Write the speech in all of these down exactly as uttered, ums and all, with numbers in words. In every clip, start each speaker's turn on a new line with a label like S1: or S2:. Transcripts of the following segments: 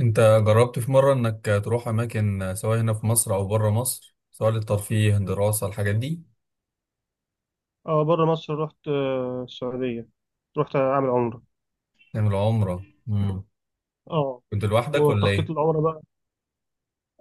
S1: انت جربت في مرة انك تروح اماكن سواء هنا في مصر او بره مصر سواء للترفيه دراسة الحاجات دي؟
S2: اه، بره مصر رحت، آه، السعودية. رحت أعمل عمرة.
S1: تعمل عمرة. مم.
S2: اه،
S1: كنت لوحدك ولا
S2: والتخطيط
S1: ايه؟
S2: العمرة بقى.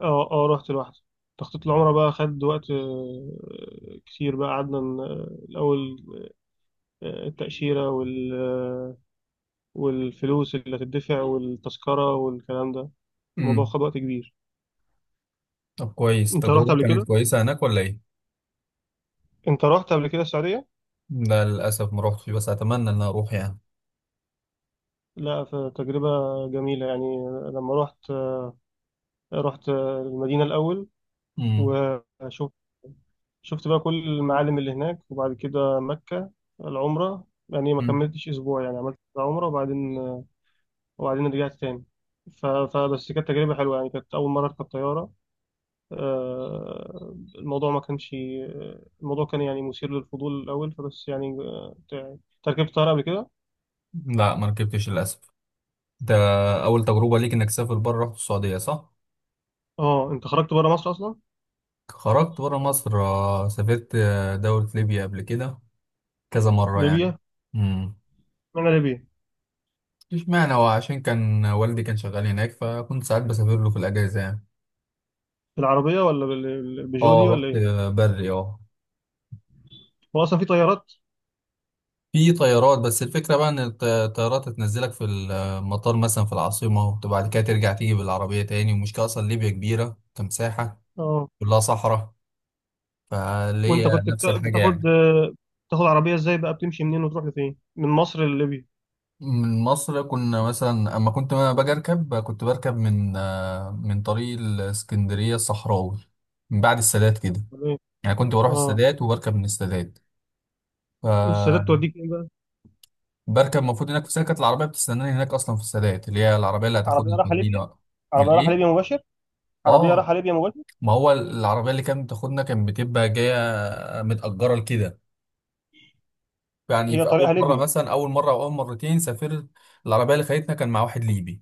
S2: اه اه رحت لوحدي. تخطيط العمرة بقى خد وقت آه، كتير بقى قعدنا ن- الأول، آه، التأشيرة وال آه، والفلوس اللي هتدفع والتذكرة والكلام ده. الموضوع
S1: مم.
S2: خد وقت كبير.
S1: طب كويس،
S2: أنت رحت
S1: التجربة
S2: قبل
S1: كانت
S2: كده؟
S1: كويسة هناك ولا ايه؟
S2: أنت رحت قبل كده السعودية؟
S1: لا للاسف ما روحتش بس اتمنى ان أنا اروح يعني.
S2: لا، فتجربة جميلة يعني. لما رحت آه، رحت آه، المدينة الأول.
S1: مم.
S2: وشفت شفت بقى كل المعالم اللي هناك وبعد كده مكة. العمرة يعني ما
S1: مم.
S2: كملتش أسبوع، يعني عملت عمرة وبعدين وبعدين رجعت تاني. ف- فبس كانت تجربة حلوة يعني، كانت أول مرة أركب طيارة. آه، الموضوع ما كانش، الموضوع كان يعني مثير للفضول الأول، فبس يعني آه، تع- تركبت طيارة قبل كده؟
S1: لا ما ركبتش للاسف. ده اول تجربة ليك انك تسافر بره، رحت السعودية صح؟
S2: أه، أنت خرجت بره مصر أصلا.
S1: خرجت بره مصر، آه، سافرت آه، دولة ليبيا قبل كده كذا مرة يعني.
S2: ليبيا.
S1: مم.
S2: معنى ليبيا.
S1: مفيش معنى، هو عشان كان والدي كان شغال هناك فكنت ساعات بسافر له في الأجازة يعني.
S2: بالعربية ولا بال- بالبيجو
S1: اه
S2: دي
S1: رحت
S2: ولا إيه؟
S1: بري اه.
S2: هو أصلا في طيارات؟
S1: في طيارات، بس الفكرة بقى إن الط- الطيارات هتنزلك في المطار مثلا في العاصمة، وبعد كده ترجع تيجي بالعربية تاني. والمشكلة أصلا ليبيا كبيرة كمساحة،
S2: اه.
S1: كلها صحراء، فاللي هي
S2: وانت كنت
S1: نفس
S2: بتا-
S1: الحاجة
S2: بتاخد
S1: يعني.
S2: بتاخد عربية ازاي بقى، بتمشي منين وتروح لفين من مصر لليبيا؟
S1: من مصر كنا مثلا أما كنت أنا باجي أركب، كنت بركب من آه، من طريق الإسكندرية الصحراوي، من بعد السادات كده.
S2: ولا ايه؟
S1: يعني كنت بروح
S2: اه،
S1: السادات وبركب من السادات.
S2: والسادات
S1: ف
S2: توديك ايه بقى؟
S1: بركب المفروض هناك في سكة، العربية بتستناني هناك أصلا في السادات، اللي هي العربية اللي
S2: عربيه
S1: هتاخدني
S2: رايحه
S1: توديني
S2: ليبيا؟
S1: بقى.
S2: عربيه رايحه ليبيا
S1: الإيه؟
S2: مباشر؟ عربيه
S1: آه.
S2: رايحه ليبيا مباشر.
S1: ما هو العربية اللي كانت بتاخدنا كانت بتبقى جاية متأجرة لكده. يعني
S2: هي
S1: في أول
S2: طريقها
S1: مرة
S2: ليبيا.
S1: مثلا، أول مرة أو أول مرتين سافرت، العربية اللي خدتنا كان مع واحد ليبي،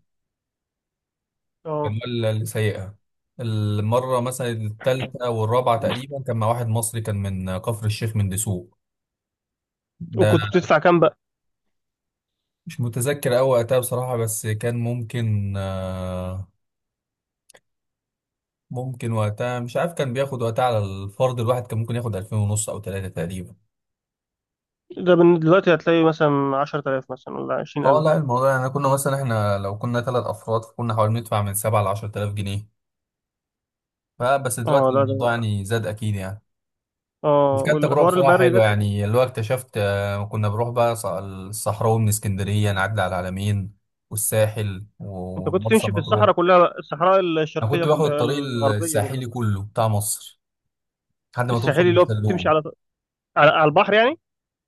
S1: كان
S2: اه،
S1: هو اللي سايقها. المرة مثلا التالتة والرابعة تقريبا كان مع واحد مصري، كان من كفر الشيخ من دسوق. ده
S2: وكنت بتدفع كام بقى؟
S1: مش متذكر أوي وقتها بصراحة، بس كان ممكن آه، ممكن وقتها، مش عارف، كان بياخد وقتها على الفرد الواحد، كان ممكن ياخد الفين ونص او تلاتة تقريبا.
S2: ده من دلوقتي هتلاقي مثلا عشرة تلاف مثلا ولا
S1: اه لا
S2: عشرين ألف؟
S1: الموضوع يعني كنا مثلا، احنا لو كنا ثلاث افراد فكنا حوالي ندفع من سبعة ل عشرة آلاف جنيه. فبس
S2: اه،
S1: دلوقتي
S2: لا،
S1: الموضوع
S2: ده
S1: يعني زاد اكيد يعني. بس
S2: اه،
S1: كانت تجربه
S2: والحوار
S1: بصراحه
S2: البري ده
S1: حلوه،
S2: ك-
S1: يعني اللي هو اكتشفت، آه، كنا بنروح بقى ص- الصحراوي من اسكندريه، نعدي على العلمين والساحل
S2: انت كنت
S1: ومرسى
S2: تمشي في
S1: مطروح.
S2: الصحراء كلها بقى، الصحراء
S1: انا
S2: الشرقية
S1: كنت باخد
S2: كلها
S1: الطريق
S2: الغربية كلها؟
S1: الساحلي كله بتاع مصر لحد ما توصل
S2: الساحلي اللي هو بتمشي
S1: للسلوم.
S2: على على على البحر يعني؟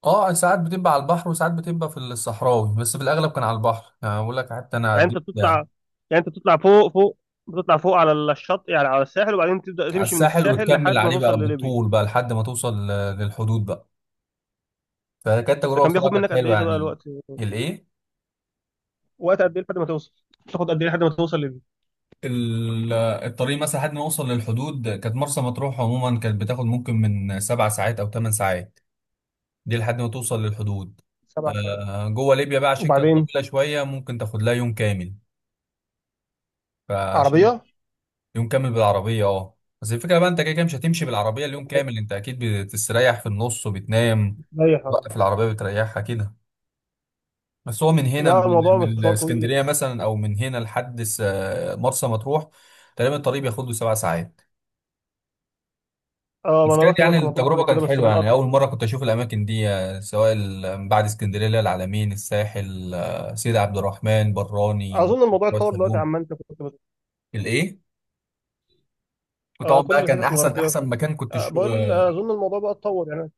S1: اه ساعات بتبقى على البحر وساعات بتبقى في الصحراوي، بس في الاغلب كان على البحر يعني، بقول لك حتى انا
S2: يعني انت
S1: عديت
S2: بتطلع
S1: يعني
S2: يعني انت بتطلع فوق فوق، بتطلع فوق على الشط، يعني على الساحل وبعدين تبدا
S1: على
S2: تمشي من
S1: الساحل
S2: الساحل
S1: وتكمل
S2: لحد ما
S1: عليه
S2: توصل
S1: بقى
S2: لليبيا.
S1: بالطول بقى لحد ما توصل ل- للحدود بقى. فكانت
S2: ده
S1: تجربه
S2: كان بياخد
S1: بصراحه كانت
S2: منك قد ايه
S1: حلوه
S2: ده بقى
S1: يعني.
S2: الوقت؟
S1: الايه؟
S2: وقت قد ايه لحد ما توصل؟ تاخد قد ايه لحد ما توصل لليبيا؟
S1: ال- الطريق مثلا لحد ما اوصل للحدود كانت مرسى مطروح عموما، كانت بتاخد ممكن من سبع ساعات او ثمان ساعات دي لحد ما توصل للحدود.
S2: سبع ساعات؟
S1: آه، جوه ليبيا بقى عشان كانت
S2: وبعدين
S1: طويله شويه، ممكن تاخد لها يوم كامل. فعشان
S2: عربية،
S1: يوم كامل بالعربية اه، بس الفكرة بقى انت كده كده مش هتمشي بالعربية اليوم كامل، انت اكيد بتستريح في النص وبتنام
S2: رايح اه.
S1: بقى، في العربية بتريحها كده. بس هو من هنا
S2: لا،
S1: من,
S2: الموضوع
S1: من
S2: مشوار طويل.
S1: الاسكندرية مثلا او من هنا لحد س- مرسى مطروح، تقريبا الطريق بياخد له سبع ساعات.
S2: اه، ما
S1: بس
S2: انا
S1: كانت
S2: رحت
S1: يعني
S2: مرسى مطروح قبل
S1: التجربة
S2: كده
S1: كانت
S2: بس
S1: حلوة يعني،
S2: بالقطر.
S1: أول مرة كنت أشوف الأماكن دي، آه، سواء ال- من بعد اسكندرية اللي هي العلمين، الساحل، آه، سيدي عبد الرحمن، براني، مرسى
S2: اظن الموضوع
S1: مطروح،
S2: اتطور دلوقتي
S1: سلوم.
S2: عما انت كنت بت...
S1: الإيه؟ وطبعا
S2: آه،
S1: بقى
S2: كل
S1: كان
S2: الحتت
S1: أحسن
S2: الغربيه.
S1: أحسن مكان كنت.
S2: آه، بقول اظن الموضوع بقى اتطور يعني.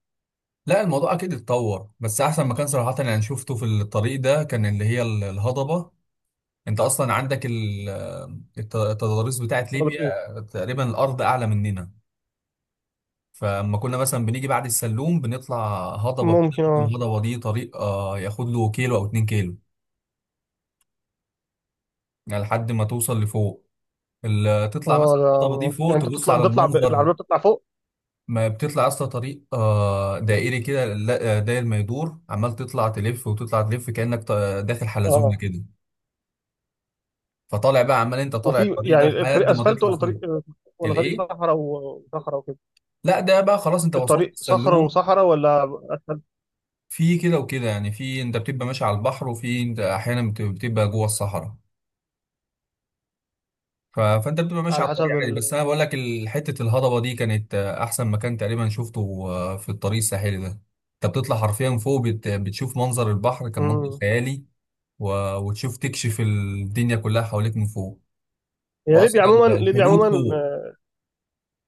S1: لا الموضوع اكيد اتطور، بس احسن مكان صراحه انا شفته في الطريق ده كان اللي هي ال- الهضبه. انت اصلا عندك ال- الت- التضاريس بتاعت
S2: قربت
S1: ليبيا،
S2: ايه؟
S1: تقريبا الارض اعلى مننا، فلما كنا مثلا بنيجي بعد السلوم بنطلع هضبه كده،
S2: ممكن
S1: ممكن
S2: اه.
S1: الهضبه دي طريق آه، ياخد له كيلو او اتنين كيلو يعني لحد ما توصل لفوق. ال- تطلع
S2: اه
S1: مثلا الهضبه دي
S2: ده
S1: فوق
S2: يعني انت
S1: تبص
S2: بتطلع
S1: على
S2: بتطلع ب-
S1: المنظر.
S2: العربيه بتطلع فوق.
S1: ما بتطلع اصلا طريق آه، دائري كده، لا- آه، داير ما يدور عمال تطلع تلف وتطلع تلف، كانك ط- داخل حلزون
S2: اه،
S1: كده. فطالع بقى عمال انت طالع
S2: وفي
S1: الطريق ده
S2: يعني الطريق
S1: لحد ما
S2: اسفلت
S1: تطلع
S2: ولا طريق،
S1: فوق.
S2: ولا طريق
S1: الايه؟
S2: صحراء وصحراء وكده؟
S1: لا ده بقى خلاص انت وصلت
S2: الطريق صخر
S1: السلوم.
S2: وصحراء ولا اسفلت؟
S1: في كده وكده يعني، في انت بتبقى ماشي على البحر، وفي انت احيانا بت- بتبقى جوه الصحراء. ف... فانت بتبقى ماشي
S2: على
S1: على الطريق
S2: حسب
S1: عادي، بس
S2: ال...
S1: انا بقول لك ال- حته الهضبه دي كانت، آه، احسن مكان تقريبا شفته آه، في الطريق الساحلي ده. انت بتطلع حرفيا فوق، بت... بتشوف منظر البحر، كان منظر
S2: مم.
S1: خيالي و... وتشوف تكشف الدنيا كلها حواليك من فوق،
S2: هي
S1: واصلا
S2: ليبيا عموما، ليبيا عموما،
S1: الحدود فوق.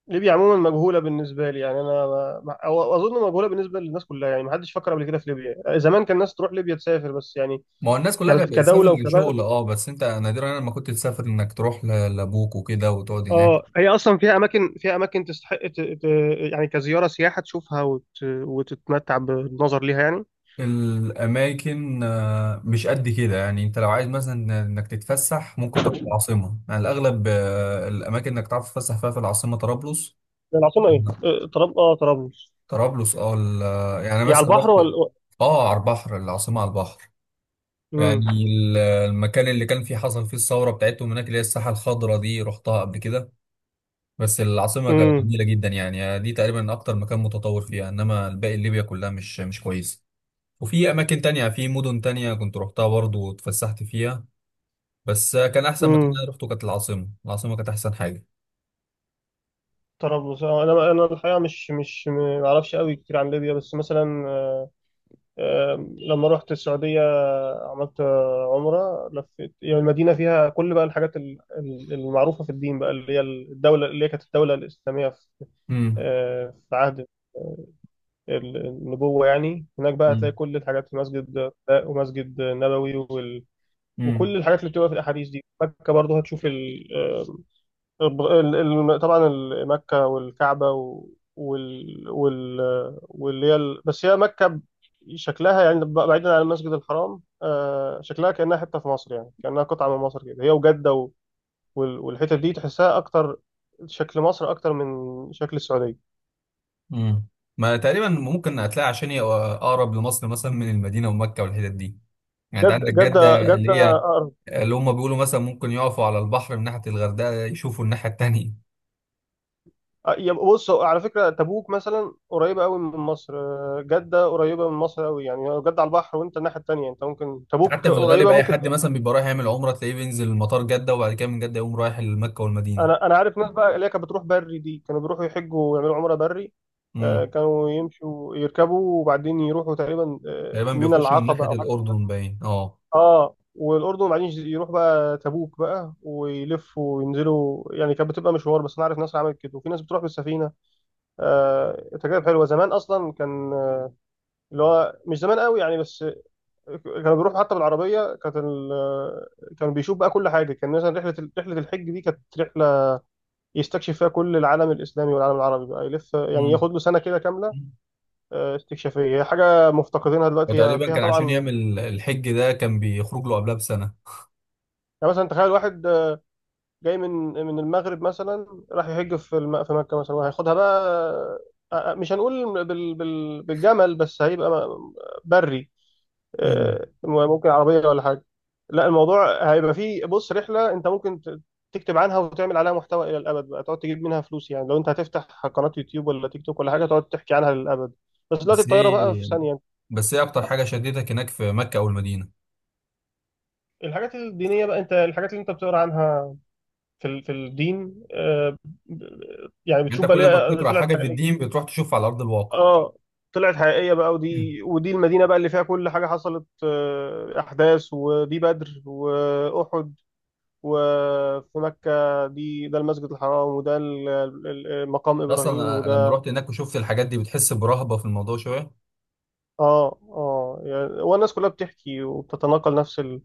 S2: ليبيا عموما مجهوله بالنسبه لي يعني انا ما... أو- اظن مجهوله بالنسبه للناس كلها يعني، ما حدش فكر قبل كده في ليبيا. زمان كان الناس تروح ليبيا تسافر بس يعني
S1: ما هو الناس كلها
S2: ك-
S1: كانت بتسافر
S2: كدوله وكبلد.
S1: لشغل اه، بس انت نادرا لما كنت تسافر انك تروح ل- لابوك وكده وتقعد هناك.
S2: اه، هي اصلا فيها اماكن فيها اماكن تستحق ت... ت... يعني كزياره سياحه تشوفها وت... وتتمتع بالنظر ليها يعني.
S1: الاماكن آه، مش قد كده يعني، انت لو عايز مثلا انك تتفسح ممكن تروح العاصمه، يعني الاغلب آه، الاماكن انك تعرف تتفسح فيها في العاصمه طرابلس.
S2: العاصمه ايه،
S1: لا،
S2: آه، طراب اه طرابلس؟
S1: طرابلس اه ال- يعني
S2: هي على
S1: مثلا
S2: البحر
S1: رحت،
S2: ولا؟
S1: اه على البحر، العاصمه على البحر.
S2: امم.
S1: يعني ال- المكان اللي كان فيه حصل فيه الثوره بتاعتهم هناك اللي هي الساحه الخضراء دي، رحتها قبل كده. بس العاصمة كانت
S2: امم.
S1: جميلة جدا، يعني دي تقريبا أكتر مكان متطور فيها، إنما الباقي ليبيا كلها مش مش كويسة. وفي أماكن تانية في مدن تانية كنت روحتها برضه واتفسحت فيها، بس كان أحسن مكان
S2: امم،
S1: أنا روحته كانت العاصمة العاصمة كانت أحسن حاجة.
S2: طرابلس. آه، انا انا الحقيقه مش مش ما اعرفش قوي كتير عن ليبيا، بس مثلا آه، آه، لما رحت السعوديه، عملت آه، عمره، لفيت يعني المدينه فيها كل بقى الحاجات ال- ال- المعروفه في الدين بقى، اللي هي الدوله اللي هي كانت الدوله الاسلاميه في
S1: امم.
S2: آه، في عهد آه، ال- النبوة. يعني هناك بقى هتلاقي
S1: امم.
S2: كل الحاجات، في مسجد قباء ومسجد نبوي وال... وكل
S1: امم.
S2: الحاجات اللي بتبقى في الأحاديث دي. مكة برضه هتشوف الب- ال- ال- طبعا ال- مكة والكعبة و- وال وال واللي هي ال- بس هي مكة ب- شكلها يعني ب- بعيدا عن المسجد الحرام، آه، شكلها كأنها حتة في مصر، يعني كأنها قطعة من مصر كده، هي وجدة و- وال- والحتة دي تحسها أكتر شكل مصر أكتر من شكل السعودية.
S1: امم. ما تقريبا ممكن هتلاقي عشان هي أقرب لمصر مثلا، من المدينة ومكة والحتت دي، يعني أنت
S2: جدة
S1: عندك
S2: جدة
S1: جدة اللي
S2: جدة
S1: هي
S2: أقرب.
S1: اللي هم بيقولوا مثلا ممكن يقفوا على البحر من ناحية الغردقة يشوفوا الناحية التانية.
S2: آه، يا بص، هو على فكرة تبوك مثلا قريبة قوي من مصر، آه، جدة قريبة من مصر قوي، يعني لو جدة على البحر وأنت الناحية التانية، أنت ممكن تبوك
S1: حتى في الغالب
S2: قريبة
S1: اي
S2: ممكن.
S1: حد مثلا بيبقى رايح يعمل عمره تلاقيه بينزل مطار جده، وبعد كده من جده يقوم رايح لمكه والمدينه.
S2: انا انا عارف ناس بقى اللي هي كانت بتروح بري دي، كانوا بيروحوا يحجوا ويعملوا عمره بري. آه،
S1: امم.
S2: كانوا يمشوا يركبوا وبعدين يروحوا تقريبا آه،
S1: تقريبا
S2: مينا
S1: بيخش من ناحيه
S2: العقبه او حاجه.
S1: الاردن باين اه.
S2: اه، والاردن، وبعدين يروح بقى تبوك بقى ويلفوا وينزلوا، يعني كانت بتبقى مشوار. بس انا عارف ناس عملت كده، وفي ناس بتروح بالسفينه. آه، تجارب حلوه. زمان اصلا كان آه، اللي هو مش زمان قوي يعني، بس كانوا بيروحوا حتى بالعربيه. كانت ال- آه، كانوا بيشوف بقى كل حاجه. كان مثلا رحله ال- رحله الحج دي كانت رحله يستكشف فيها كل العالم الإسلامي والعالم العربي بقى، يلف يعني
S1: مم.
S2: ياخد له سنة كده كاملة، آه، استكشافية. هي حاجة مفتقدينها دلوقتي، هي
S1: وتقريبا
S2: فيها
S1: كان عشان
S2: طبعا.
S1: يعمل الحج ده كان بيخرج له قبلها بسنه.
S2: يعني مثلا تخيل واحد آه، جاي من من المغرب مثلا، راح يحج في الم- في مكة مثلا، وهياخدها بقى آه، آه، مش هنقول بال- بال- بالجمل، بس هيبقى م- بري،
S1: مم.
S2: آه، ممكن عربية ولا حاجة. لا، الموضوع هيبقى فيه بص، رحلة انت ممكن ت- تكتب عنها وتعمل عليها محتوى إلى الأبد، بقى تقعد تجيب منها فلوس، يعني لو انت هتفتح قناة يوتيوب ولا تيك توك ولا حاجة، تقعد تحكي عنها للأبد. بس دلوقتي
S1: بس
S2: الطيارة بقى في
S1: ايه
S2: ثانية.
S1: بس ايه اكتر حاجه شدتك هناك في مكه او المدينه؟
S2: الحاجات الدينية بقى، انت الحاجات اللي انت بتقرا عنها في ال- في الدين، آه، ب- يعني
S1: يعني
S2: بتشوف
S1: انت
S2: بقى
S1: كل ما
S2: ليه
S1: بتقرا
S2: طلعت
S1: حاجه في
S2: حقيقية.
S1: الدين بتروح تشوفها على ارض الواقع.
S2: اه، طلعت حقيقية بقى.
S1: مم.
S2: ودي ودي المدينة بقى اللي فيها كل حاجة حصلت، آه، أحداث، ودي بدر وأحد. وفي مكة، دي ده المسجد الحرام، وده ال- ال- ال- مقام إبراهيم،
S1: اصلا أنا لما
S2: وده
S1: رحت هناك وشفت الحاجات دي بتحس برهبه في الموضوع شويه.
S2: آه. آه، يعني والناس كلها بتحكي وبتتناقل نفس ال-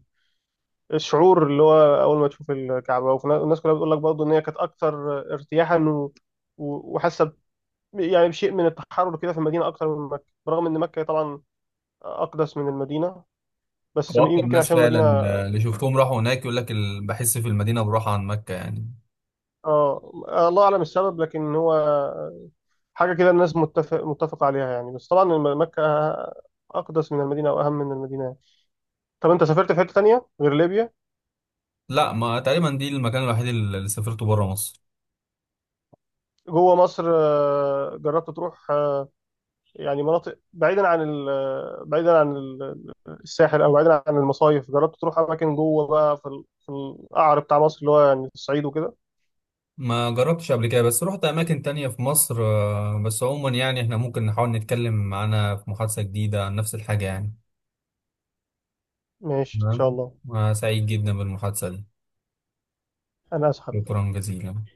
S2: الشعور، اللي هو أول ما تشوف الكعبة، والناس كلها بتقول لك برضه إن هي كانت أكثر ارتياحا و- و- وحاسة ب- يعني بشيء من التحرر كده في المدينة أكثر من مكة، برغم إن مكة طبعا أقدس من المدينة. بس
S1: واكتر
S2: يمكن
S1: ناس
S2: عشان المدينة
S1: فعلا، آه، اللي شفتهم راحوا هناك يقول لك ال- بحس في المدينه براحه عن مكه يعني.
S2: آه، الله أعلم السبب. لكن هو حاجة كده الناس متفق متفق عليها يعني. بس طبعا الم- مكة أقدس من المدينة أو أهم من المدينة يعني. طب أنت سافرت في حتة تانية غير ليبيا؟
S1: لا، ما تقريبا دي المكان الوحيد اللي اللي سافرته بره مصر.
S2: جوه مصر آه، جربت تروح آه، يعني مناطق بعيدا عن ال- آه، بعيدا عن ال- الساحل، أو بعيدا عن المصايف؟ جربت تروح أماكن جوه بقى في ال- في القعر بتاع مصر، اللي هو يعني الصعيد وكده؟
S1: ما جربتش قبل كده بس رحت اماكن تانية في مصر، آه، بس عموما يعني احنا ممكن نحاول نتكلم معانا في محادثه جديده عن نفس الحاجه يعني.
S2: ماشي إن شاء
S1: تمام.
S2: الله.
S1: آه، سعيد جدا بالمحادثه دي.
S2: أنا أسحب.
S1: شكرا جزيلا.